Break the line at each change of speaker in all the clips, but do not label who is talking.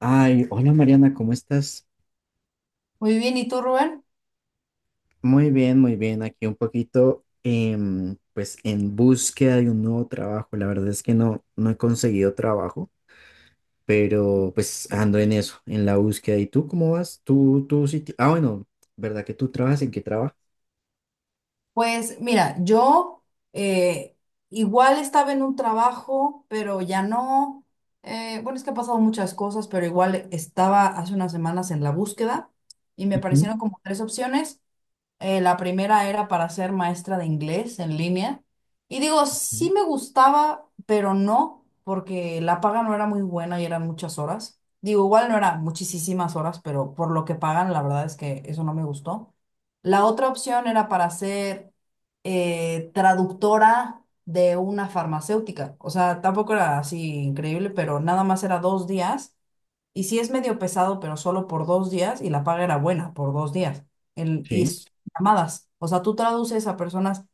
Ay, hola, Mariana, ¿cómo estás?
Muy bien, ¿y tú, Rubén?
Muy bien, muy bien. Aquí un poquito, pues en búsqueda de un nuevo trabajo. La verdad es que no he conseguido trabajo, pero pues ando en eso, en la búsqueda. ¿Y tú cómo vas? Tú sí. Ah, bueno, ¿verdad que tú trabajas? ¿En qué trabajas?
Pues mira, yo eh, igual estaba en un trabajo, pero ya no. Bueno, es que ha pasado muchas cosas, pero igual estaba hace unas semanas en la búsqueda y me
Ujú,
aparecieron como tres opciones. La primera era para ser maestra de inglés en línea. Y digo, sí
ujú.
me gustaba, pero no, porque la paga no era muy buena y eran muchas horas. Digo, igual no eran muchísimas horas, pero por lo que pagan, la verdad es que eso no me gustó. La otra opción era para ser traductora de una farmacéutica. O sea, tampoco era así increíble, pero nada más era dos días. Y sí es medio pesado, pero solo por dos días y la paga era buena por dos días. Y
Sí,
es llamadas. O sea, tú traduces a personas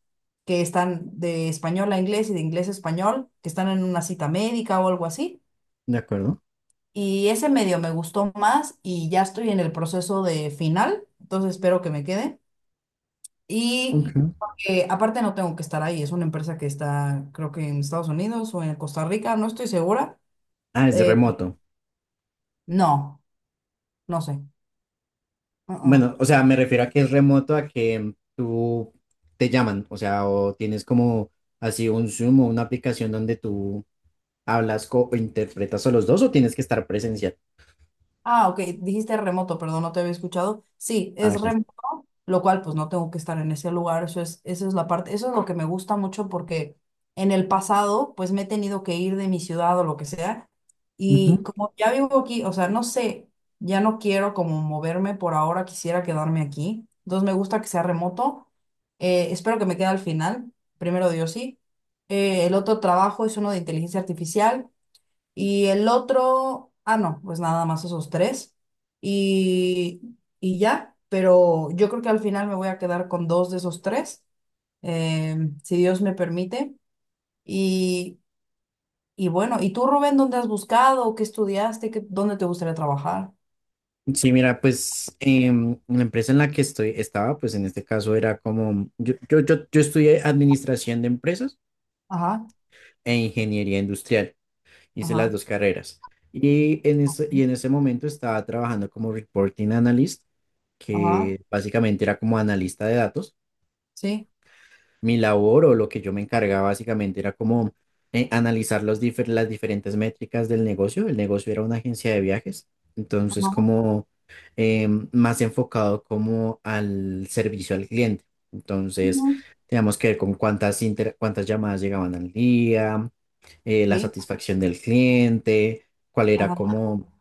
que están de español a inglés y de inglés a español, que están en una cita médica o algo así.
de acuerdo.
Y ese medio me gustó más y ya estoy en el proceso de final, entonces espero que me quede. Y
Ujú.
aparte no tengo que estar ahí, es una empresa que está creo que en Estados Unidos o en Costa Rica, no estoy segura.
Ah, ¿es
Eh,
remoto?
no, no sé. Uh-uh.
Bueno, o sea, me refiero a que es remoto, a que tú te llaman, o sea, o tienes como así un Zoom o una aplicación donde tú o interpretas a los dos, o tienes que estar presencial.
Ah, ok, dijiste remoto, perdón, no te había escuchado. Sí,
Ah,
es
ok.
remoto, lo cual pues no tengo que estar en ese lugar, eso es, esa es la parte, eso es lo que me gusta mucho porque en el pasado pues me he tenido que ir de mi ciudad o lo que sea
Ujú.
y como ya vivo aquí, o sea, no sé, ya no quiero como moverme por ahora, quisiera quedarme aquí, entonces me gusta que sea remoto, espero que me quede al final, primero Dios sí. El otro trabajo es uno de inteligencia artificial y el otro, ah, no, pues nada más esos tres. Y, y ya, pero yo creo que al final me voy a quedar con dos de esos tres, eh, si Dios me permite. Y, y bueno, ¿y tú, Rubén, dónde has buscado? ¿Qué estudiaste? ¿Qué, dónde te gustaría trabajar?
Sí, mira, pues en la empresa en la que estoy estaba, pues en este caso era como, yo estudié administración de empresas
Ajá,
e ingeniería industrial, hice las
ajá,
dos carreras. Y en ese momento estaba trabajando como reporting analyst,
ajá,
que básicamente era como analista de datos.
sí,
Mi labor, o lo que yo me encargaba básicamente era como analizar los las diferentes métricas del negocio. El negocio era una agencia de viajes, entonces
ajá,
como más enfocado como al servicio al cliente. Entonces,
ujú,
teníamos que ver con cuántas llamadas llegaban al día, la
sí,
satisfacción del cliente, cuál era
ajá,
como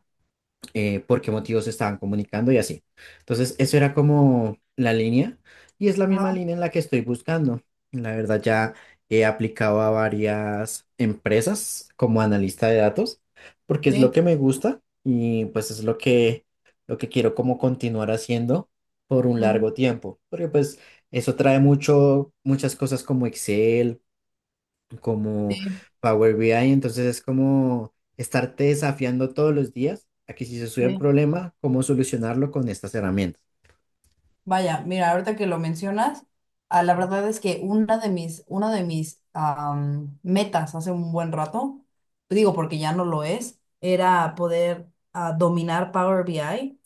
por qué motivos se estaban comunicando y así. Entonces, eso era como la línea y es la misma
ajá,
línea en la que estoy buscando. La verdad, ya he aplicado a varias empresas como analista de datos porque es lo
sí,
que me gusta, y pues es lo que quiero como continuar haciendo por un
mm,
largo tiempo, porque pues eso trae mucho, muchas cosas como Excel, como
sí,
Power BI. Entonces es como estarte desafiando todos los días a que si se sube un
sí.
problema, cómo solucionarlo con estas herramientas.
Vaya, mira, ahorita que lo mencionas, la verdad es que una de mis metas hace un buen rato, digo porque ya no lo es, era poder dominar Power BI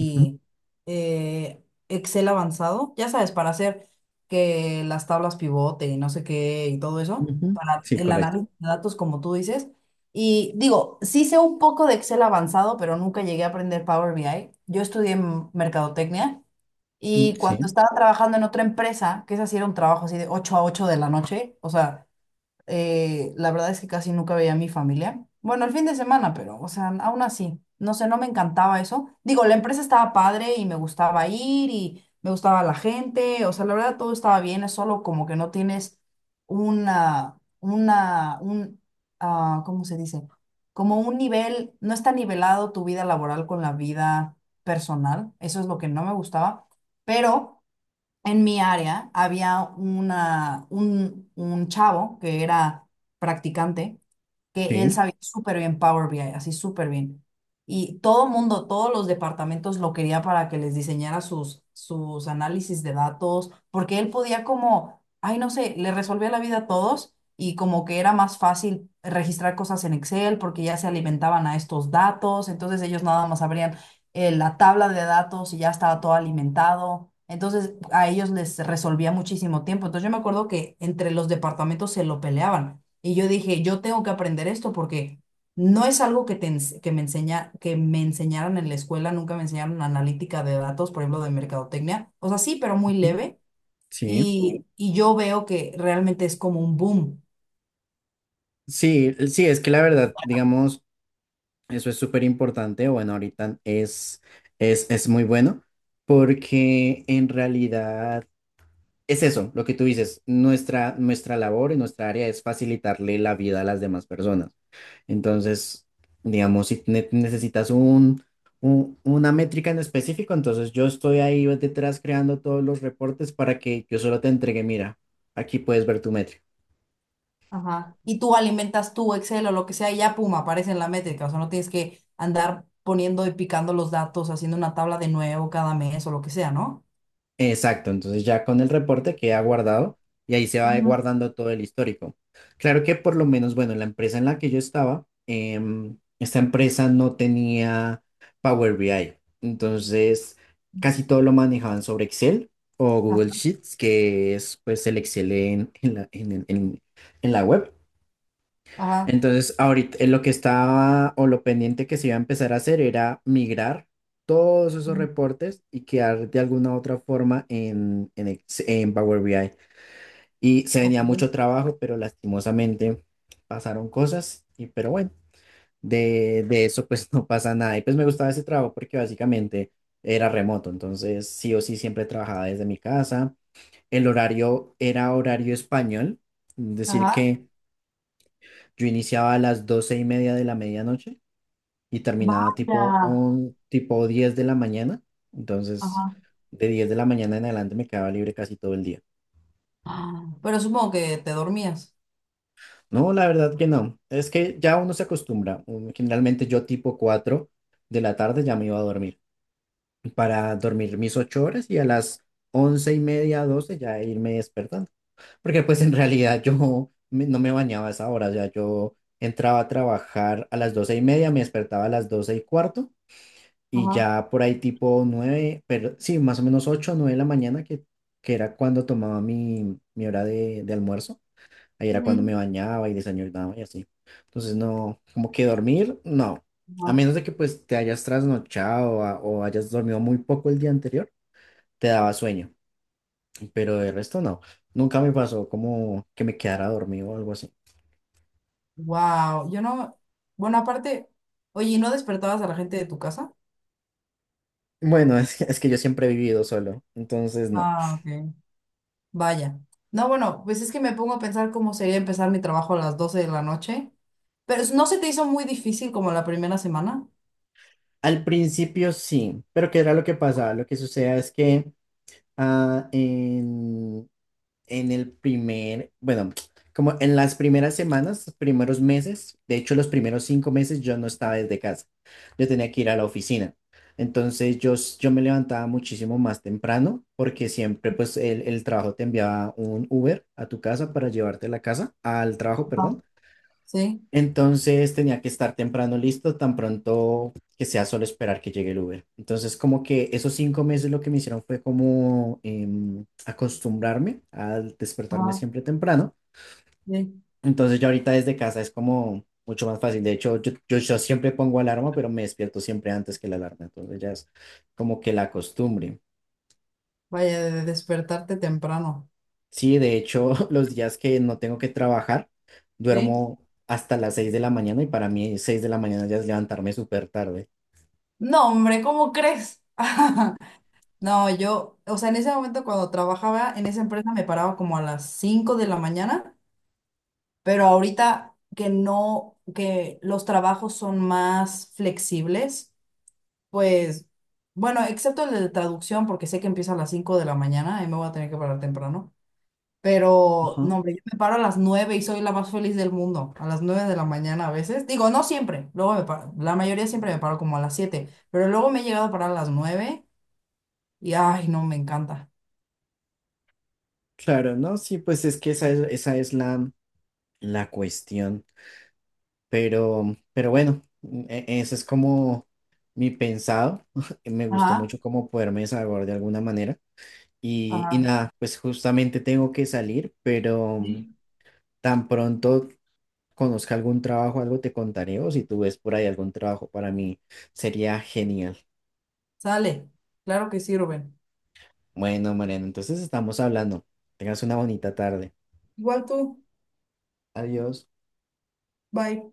Ujú,
eh, Excel avanzado, ya sabes, para hacer que las tablas pivote y no sé qué y todo eso,
ujú.
para
Sí,
el
correcto.
análisis de datos como tú dices. Y digo, sí sé un poco de Excel avanzado, pero nunca llegué a aprender Power BI. Yo estudié mercadotecnia.
Mm,
Y cuando
sí,
estaba trabajando en otra empresa, que esa sí era un trabajo así de 8 a 8 de la noche, o sea, la verdad es que casi nunca veía a mi familia. Bueno, el fin de semana, pero, o sea, aún así, no sé, no me encantaba eso. Digo, la empresa estaba padre y me gustaba ir y me gustaba la gente, o sea, la verdad todo estaba bien, es solo como que no tienes una, una, un, ¿cómo se dice? Como un nivel, no está nivelado tu vida laboral con la vida personal, eso es lo que no me gustaba, pero en mi área había un chavo que era practicante que él
sí,
sabía súper bien Power BI, así súper bien. Y todo el mundo, todos los departamentos lo quería para que les diseñara sus análisis de datos, porque él podía como, ay, no sé, le resolvía la vida a todos y como que era más fácil registrar cosas en Excel porque ya se alimentaban a estos datos, entonces ellos nada más abrían la tabla de datos y ya estaba todo alimentado. Entonces a ellos les resolvía muchísimo tiempo. Entonces yo me acuerdo que entre los departamentos se lo peleaban y yo dije, yo tengo que aprender esto porque no es algo que, te ens- que, me enseña, que me enseñaron en la escuela, nunca me enseñaron analítica de datos, por ejemplo, de mercadotecnia. O sea, sí, pero muy
ujú,
leve.
sí.
Y yo veo que realmente es como un boom.
Sí, sí, es que la verdad, digamos, eso es súper importante. Bueno, ahorita es muy bueno, porque en realidad es eso, lo que tú dices, nuestra labor y nuestra área es facilitarle la vida a las demás personas. Entonces, digamos, si necesitas una métrica en específico, entonces yo estoy ahí detrás creando todos los reportes para que yo solo te entregue, mira, aquí puedes ver tu métrica.
Ajá. Y tú alimentas tu Excel o lo que sea y ya, pum, aparece en la métrica. O sea, no tienes que andar poniendo y picando los datos, haciendo una tabla de nuevo cada mes o lo que sea, ¿no?
Exacto, entonces ya con el reporte queda guardado y ahí se va
Ujú.
guardando todo el histórico. Claro que por lo menos, bueno, la empresa en la que yo estaba, esta empresa no tenía Power BI, entonces casi todo lo manejaban sobre Excel o Google
Ajá.
Sheets, que es pues el Excel en la web.
Ajá.
Entonces, ahorita lo que estaba, o lo pendiente que se iba a empezar a hacer, era migrar todos esos
Mm.
reportes y quedar de alguna u otra forma en Power BI. Y se venía
Ok.
mucho trabajo, pero lastimosamente pasaron cosas. Y, pero bueno, de eso pues no pasa nada. Y pues me gustaba ese trabajo porque básicamente era remoto, entonces sí o sí siempre trabajaba desde mi casa. El horario era horario español, es decir
Ajá.
que... Yo iniciaba a las 12:30 de la medianoche y terminaba
Vaya.
tipo 10 de la mañana. Entonces,
Ajá.
de 10 de la mañana en adelante me quedaba libre casi todo el día.
Ah, pero supongo que te dormías.
No, la verdad que no. Es que ya uno se acostumbra. Generalmente yo tipo 4 de la tarde ya me iba a dormir para dormir mis 8 horas, y a las 11:30, 12 ya irme despertando. Porque pues en realidad yo no me bañaba a esa hora. O sea, yo entraba a trabajar a las 12:30, me despertaba a las 12:15. Y
Ajá.
ya por ahí tipo 9, pero sí, más o menos 8 o 9 de la mañana, que era cuando tomaba mi hora de almuerzo. Ahí era cuando
Mm.
me bañaba y desayunaba y así. Entonces no, como que dormir, no. A menos de que pues te hayas o hayas dormido muy poco el día anterior, te daba sueño. Pero de resto no. Nunca me pasó como que me quedara dormido o algo así.
Wow, yo no. Bueno, aparte, oye, ¿y no despertabas a la gente de tu casa?
Bueno, es que yo siempre he vivido solo, entonces no.
Ah, ok. Vaya. No, bueno, pues es que me pongo a pensar cómo sería empezar mi trabajo a las 12 de la noche. Pero ¿no se te hizo muy difícil como la primera semana?
Al principio sí, pero ¿qué era lo que pasaba? Lo que sucedía es que ah, en, en el primer, bueno, como en las primeras semanas, los primeros meses, de hecho los primeros 5 meses yo no estaba desde casa, yo tenía que ir a la oficina. Entonces yo me levantaba muchísimo más temprano porque siempre pues el trabajo te enviaba un Uber a tu casa para llevarte a la casa, al trabajo,
Ajá,
perdón.
sí,
Entonces tenía que estar temprano listo, tan pronto que sea solo esperar que llegue el Uber. Entonces como que esos 5 meses lo que me hicieron fue como acostumbrarme a despertarme
ajá,
siempre temprano.
sí.
Entonces ya ahorita desde casa es como mucho más fácil. De hecho, yo siempre pongo alarma, pero me despierto siempre antes que la alarma. Entonces ya es como que la costumbre.
Vaya, de despertarte temprano.
Sí, de hecho, los días que no tengo que trabajar,
¿Sí?
duermo hasta las 6 de la mañana. Y para mí 6 de la mañana ya es levantarme súper tarde.
No, hombre, ¿cómo crees? No, yo, o sea, en ese momento cuando trabajaba en esa empresa me paraba como a las 5 de la mañana, pero ahorita que no, que los trabajos son más flexibles, pues, bueno, excepto el de traducción, porque sé que empieza a las 5 de la mañana y me voy a tener que parar temprano, pero no, hombre, yo me paro a las 9 y soy la más feliz del mundo, a las 9 de la mañana a veces, digo, no siempre, luego me paro, la mayoría siempre me paro como a las 7 pero luego me he llegado a parar a las 9 y, ay, no, me encanta.
Claro, ¿no? Sí, pues es que esa es la cuestión. Pero bueno, ese es como mi pensado. Me gustó
Ajá.
mucho como poderme desahogar de alguna manera. Y
Ajá,
nada, pues justamente tengo que salir, pero
sí,
tan pronto conozca algún trabajo, algo te contaré, o si tú ves por ahí algún trabajo para mí, sería genial.
sale. Claro que sí, Rubén.
Bueno, Mariano, entonces estamos hablando. Tengas una bonita tarde.
Igual tú,
Adiós.
bye.